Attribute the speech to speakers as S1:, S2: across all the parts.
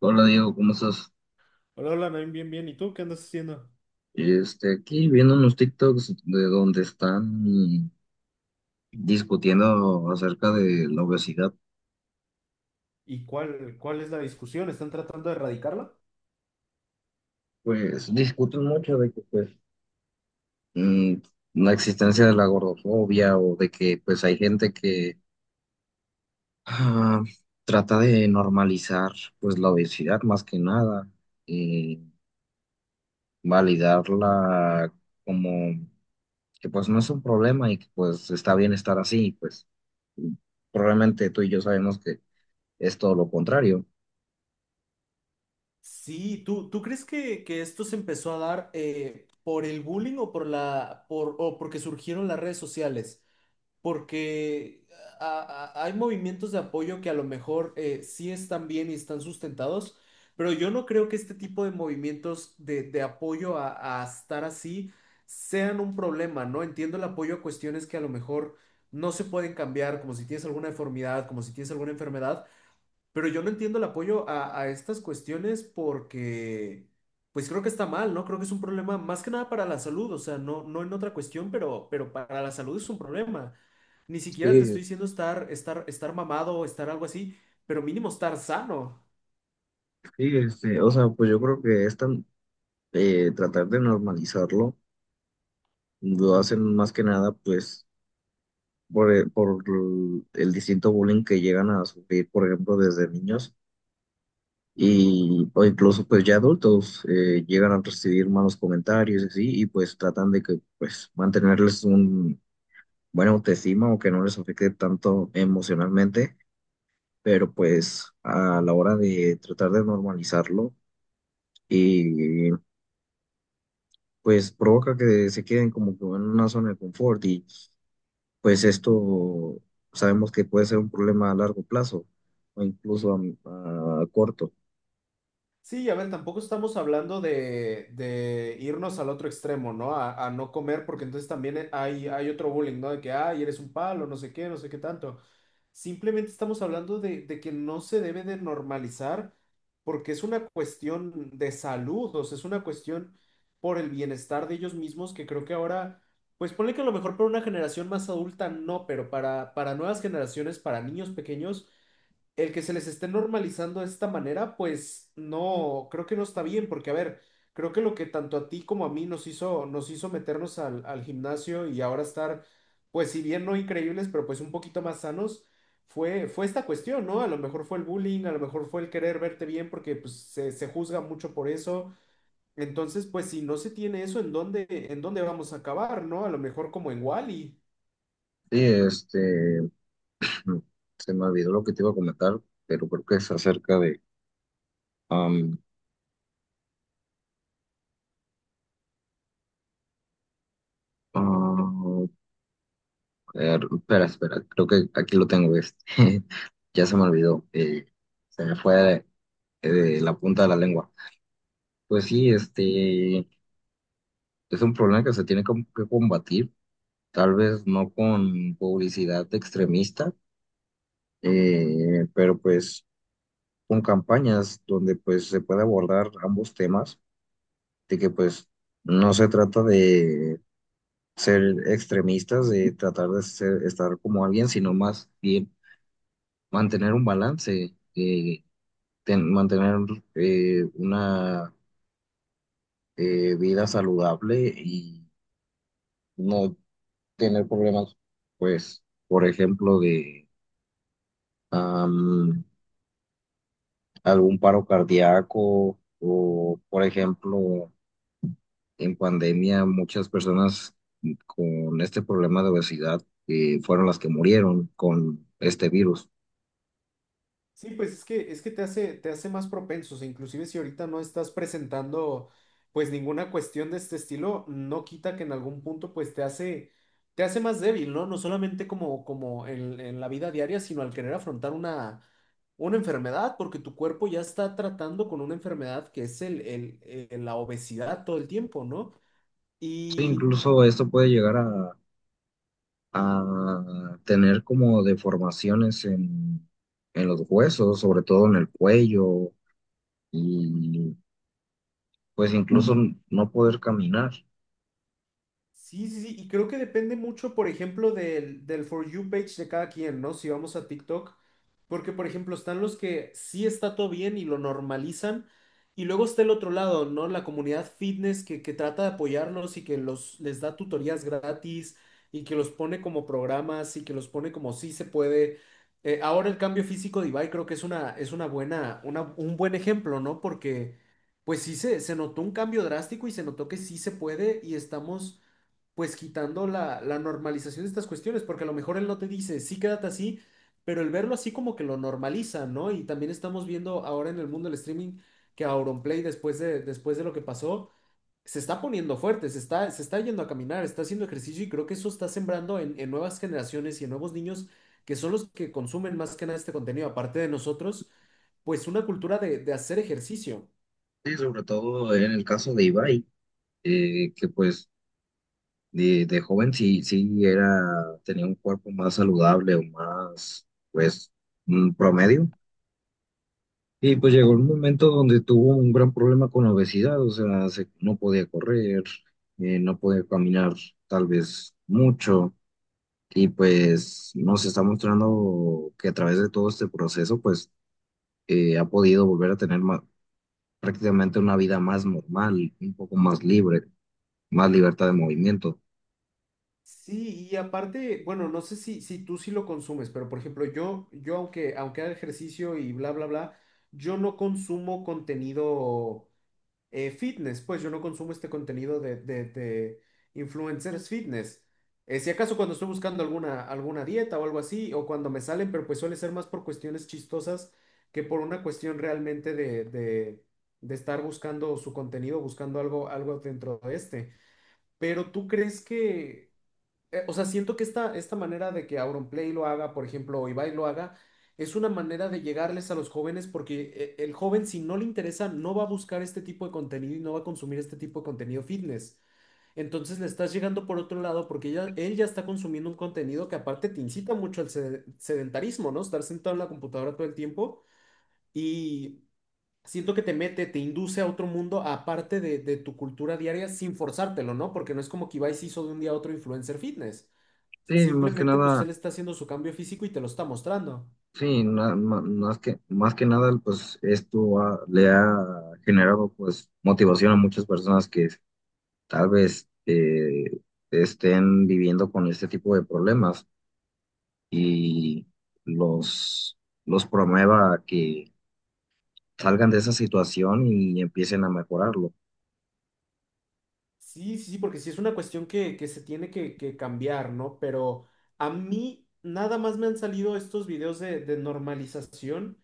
S1: Hola Diego, ¿cómo estás?
S2: Hola, hola, Naim, bien, bien. ¿Y tú qué andas haciendo?
S1: Aquí viendo unos TikToks de donde están discutiendo acerca de la obesidad.
S2: ¿Y cuál es la discusión? ¿Están tratando de erradicarla?
S1: Pues discuten mucho de que mm, la existencia de la gordofobia, o de que pues hay gente que ah, trata de normalizar pues la obesidad más que nada, y validarla como que pues no es un problema y que pues está bien estar así. Pues probablemente tú y yo sabemos que es todo lo contrario.
S2: Sí, ¿tú crees que esto se empezó a dar por el bullying o por o porque surgieron las redes sociales? Porque hay movimientos de apoyo que a lo mejor sí están bien y están sustentados, pero yo no creo que este tipo de movimientos de apoyo a estar así sean un problema, ¿no? Entiendo el apoyo a cuestiones que a lo mejor no se pueden cambiar, como si tienes alguna deformidad, como si tienes alguna enfermedad, pero yo no entiendo el apoyo a estas cuestiones porque, pues creo que está mal, ¿no? Creo que es un problema más que nada para la salud, o sea, no en otra cuestión, pero para la salud es un problema. Ni siquiera te estoy
S1: Sí,
S2: diciendo estar mamado o estar algo así, pero mínimo estar sano.
S1: sí, este, o sea, pues yo creo que tratar de normalizarlo, lo hacen más que nada, pues, por el distinto bullying que llegan a sufrir, por ejemplo, desde niños. Y, o incluso, pues, ya adultos llegan a recibir malos comentarios y así, y pues tratan de que, pues, mantenerles un buena autoestima o que no les afecte tanto emocionalmente. Pero pues, a la hora de tratar de normalizarlo, y pues provoca que se queden como que en una zona de confort, y pues esto sabemos que puede ser un problema a largo plazo o incluso a corto.
S2: Sí, a ver, tampoco estamos hablando de irnos al otro extremo, ¿no? A no comer, porque entonces también hay otro bullying, ¿no? De que, ay, eres un palo, no sé qué, no sé qué tanto. Simplemente estamos hablando de que no se debe de normalizar porque es una cuestión de salud, o sea, es una cuestión por el bienestar de ellos mismos que creo que ahora, pues ponle que a lo mejor para una generación más adulta no, para nuevas generaciones, para niños pequeños el que se les esté normalizando de esta manera, pues no, creo que no está bien, porque a ver, creo que lo que tanto a ti como a mí nos hizo meternos al gimnasio y ahora estar, pues si bien no increíbles, pero pues un poquito más sanos, fue esta cuestión, ¿no? A lo mejor fue el bullying, a lo mejor fue el querer verte bien, porque pues se juzga mucho por eso. Entonces, pues si no se tiene eso, en dónde vamos a acabar, ¿no? A lo mejor como en Wall-E.
S1: Sí, este, se me olvidó lo que te iba a comentar, pero creo que es acerca de... am, ah, espera, espera, creo que aquí lo tengo, este, ya se me olvidó, se me fue de la punta de la lengua. Pues sí, este, es un problema que se tiene como que combatir, tal vez no con publicidad extremista, pero pues con campañas donde pues se puede abordar ambos temas. De que pues no se trata de ser extremistas, de tratar de estar como alguien, sino más bien mantener un balance. Mantener una vida saludable, y no tener problemas, pues, por ejemplo, de... algún paro cardíaco. O, por ejemplo, en pandemia muchas personas con este problema de obesidad fueron las que murieron con este virus.
S2: Sí, pues es que te hace más propensos, e inclusive si ahorita no estás presentando pues ninguna cuestión de este estilo, no quita que en algún punto pues te hace más débil, ¿no? No solamente como en la vida diaria, sino al querer afrontar una enfermedad, porque tu cuerpo ya está tratando con una enfermedad que es la obesidad todo el tiempo, ¿no?
S1: Sí,
S2: Y
S1: incluso esto puede llegar a tener como deformaciones en los huesos, sobre todo en el cuello, y pues incluso no poder caminar.
S2: sí, sí, sí, y creo que depende mucho, por ejemplo, del For You page de cada quien, ¿no? Si vamos a TikTok, porque, por ejemplo, están los que sí está todo bien y lo normalizan, y luego está el otro lado, ¿no? La comunidad fitness que trata de apoyarlos y que los, les da tutorías gratis y que los pone como programas y que los pone como sí se puede. Ahora el cambio físico de Ibai creo que es es una buena, un buen ejemplo, ¿no? Porque, pues sí se notó un cambio drástico y se notó que sí se puede y estamos pues quitando la normalización de estas cuestiones, porque a lo mejor él no te dice, sí, quédate así, pero el verlo así como que lo normaliza, ¿no? Y también estamos viendo ahora en el mundo del streaming que Auronplay, después de lo que pasó, se está poniendo fuerte, se está yendo a caminar, está haciendo ejercicio y creo que eso está sembrando en nuevas generaciones y en nuevos niños que son los que consumen más que nada este contenido, aparte de nosotros, pues una cultura de hacer ejercicio.
S1: Sí, sobre todo en el caso de Ibai, que pues de joven sí, sí era, tenía un cuerpo más saludable o más, pues, mm, promedio. Y pues llegó el momento donde tuvo un gran problema con la obesidad, o sea, no podía correr, no podía caminar tal vez mucho. Y pues nos está mostrando que a través de todo este proceso, pues, ha podido volver a prácticamente una vida más normal, un poco más libre, más libertad de movimiento.
S2: Sí, y aparte, bueno, no sé si tú sí lo consumes, pero por ejemplo, yo aunque haga ejercicio y bla, bla, bla, yo no consumo contenido fitness, pues yo no consumo este contenido de influencers fitness. Si acaso cuando estoy buscando alguna dieta o algo así, o cuando me salen, pero pues suele ser más por cuestiones chistosas que por una cuestión realmente de estar buscando su contenido, buscando algo, algo dentro de este. Pero ¿tú crees que o sea, siento que esta manera de que Auronplay lo haga, por ejemplo, o Ibai lo haga, es una manera de llegarles a los jóvenes porque el joven, si no le interesa, no va a buscar este tipo de contenido y no va a consumir este tipo de contenido fitness. Entonces le estás llegando por otro lado porque ya, él ya está consumiendo un contenido que aparte te incita mucho al sedentarismo, ¿no? Estar sentado en la computadora todo el tiempo y siento que te mete, te induce a otro mundo aparte de tu cultura diaria sin forzártelo, ¿no? Porque no es como que Ibai se hizo de un día a otro influencer fitness.
S1: Sí, más que
S2: Simplemente, pues él
S1: nada.
S2: está haciendo su cambio físico y te lo está mostrando.
S1: Sí, más que nada, pues le ha generado pues motivación a muchas personas que tal vez estén viviendo con este tipo de problemas, y los, los promueva a que salgan de esa situación y empiecen a mejorarlo.
S2: Sí, sí, sí, porque sí es una cuestión que se tiene que cambiar, ¿no? Pero a mí nada más me han salido estos videos de normalización,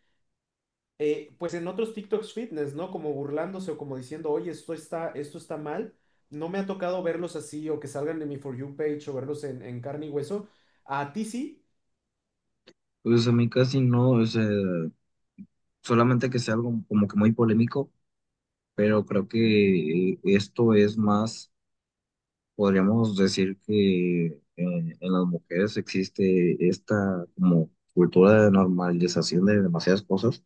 S2: pues en otros TikToks fitness, ¿no? Como burlándose o como diciendo, oye, esto está mal. No me ha tocado verlos así o que salgan de mi For You page o verlos en carne y hueso. A ti sí.
S1: Pues a mí casi no, es, solamente que sea algo como que muy polémico. Pero creo que esto es más... Podríamos decir que en las mujeres existe esta como cultura de normalización de demasiadas cosas.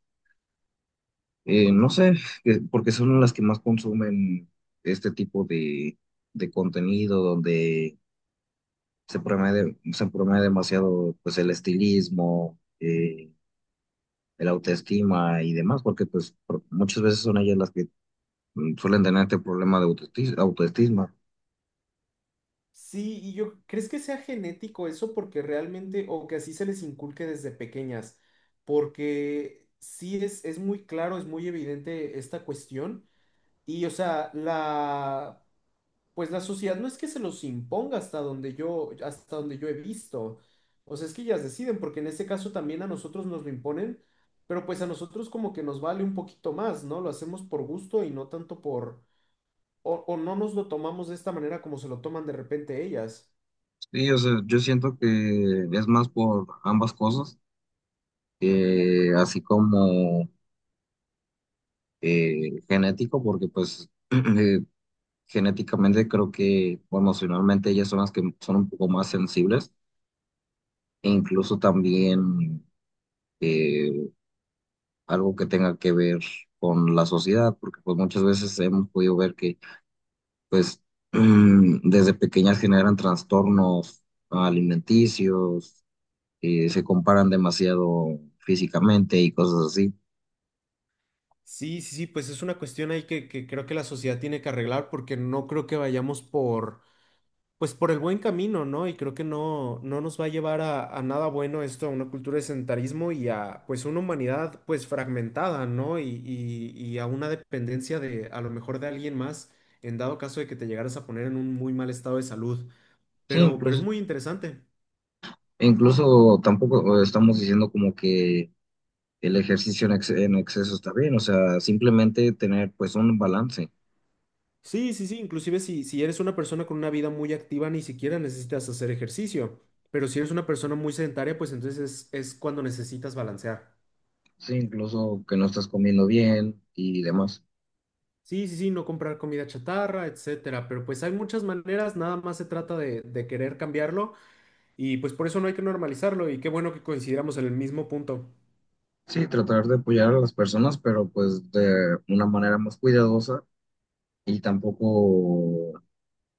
S1: No sé, porque son las que más consumen este tipo de contenido donde se promueve demasiado pues el estilismo, el autoestima y demás, porque pues muchas veces son ellas las que suelen tener este problema de autoestima.
S2: Sí, y yo, ¿crees que sea genético eso? Porque realmente, o que así se les inculque desde pequeñas, porque sí es muy claro, es muy evidente esta cuestión, y o sea, la, pues la sociedad no es que se los imponga hasta donde yo he visto, o sea, es que ellas deciden, porque en este caso también a nosotros nos lo imponen, pero pues a nosotros como que nos vale un poquito más, ¿no? Lo hacemos por gusto y no tanto por, o no nos lo tomamos de esta manera como se lo toman de repente ellas.
S1: Sí, o sea, yo siento que es más por ambas cosas, así como genético, porque pues genéticamente creo que o emocionalmente ellas son las que son un poco más sensibles. E incluso también, eh, algo que tenga que ver con la sociedad, porque pues muchas veces hemos podido ver que pues desde pequeñas generan trastornos alimenticios, se comparan demasiado físicamente y cosas así.
S2: Sí, sí, sí, pues es una cuestión ahí que creo que la sociedad tiene que arreglar porque no creo que vayamos por, pues por el buen camino, ¿no? Y creo que no, no nos va a llevar a nada bueno esto, a una cultura de sedentarismo y a, pues, una humanidad, pues, fragmentada, ¿no? Y a una dependencia de, a lo mejor, de alguien más, en dado caso de que te llegaras a poner en un muy mal estado de salud.
S1: Sí,
S2: Pero es
S1: incluso...
S2: muy interesante.
S1: E incluso tampoco estamos diciendo como que el ejercicio en exceso está bien, o sea, simplemente tener pues un balance.
S2: Sí, sí, sí, inclusive si eres una persona con una vida muy activa, ni siquiera necesitas hacer ejercicio, pero si eres una persona muy sedentaria, pues entonces es cuando necesitas balancear.
S1: Sí, incluso que no estás comiendo bien y demás.
S2: Sí, sí, sí, no comprar comida chatarra, etcétera, pero pues hay muchas maneras, nada más se trata de querer cambiarlo y pues por eso no hay que normalizarlo y qué bueno que coincidamos en el mismo punto.
S1: Sí, tratar de apoyar a las personas, pero pues de una manera más cuidadosa. Y tampoco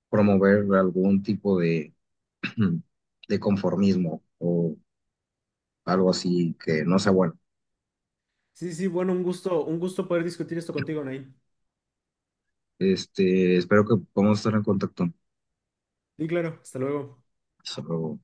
S1: promover algún tipo de, de conformismo o algo así que no sea bueno.
S2: Sí, sí, sí, bueno, un gusto poder discutir esto contigo, Nain.
S1: Este, espero que podamos estar en contacto.
S2: Y claro, hasta luego.
S1: Solo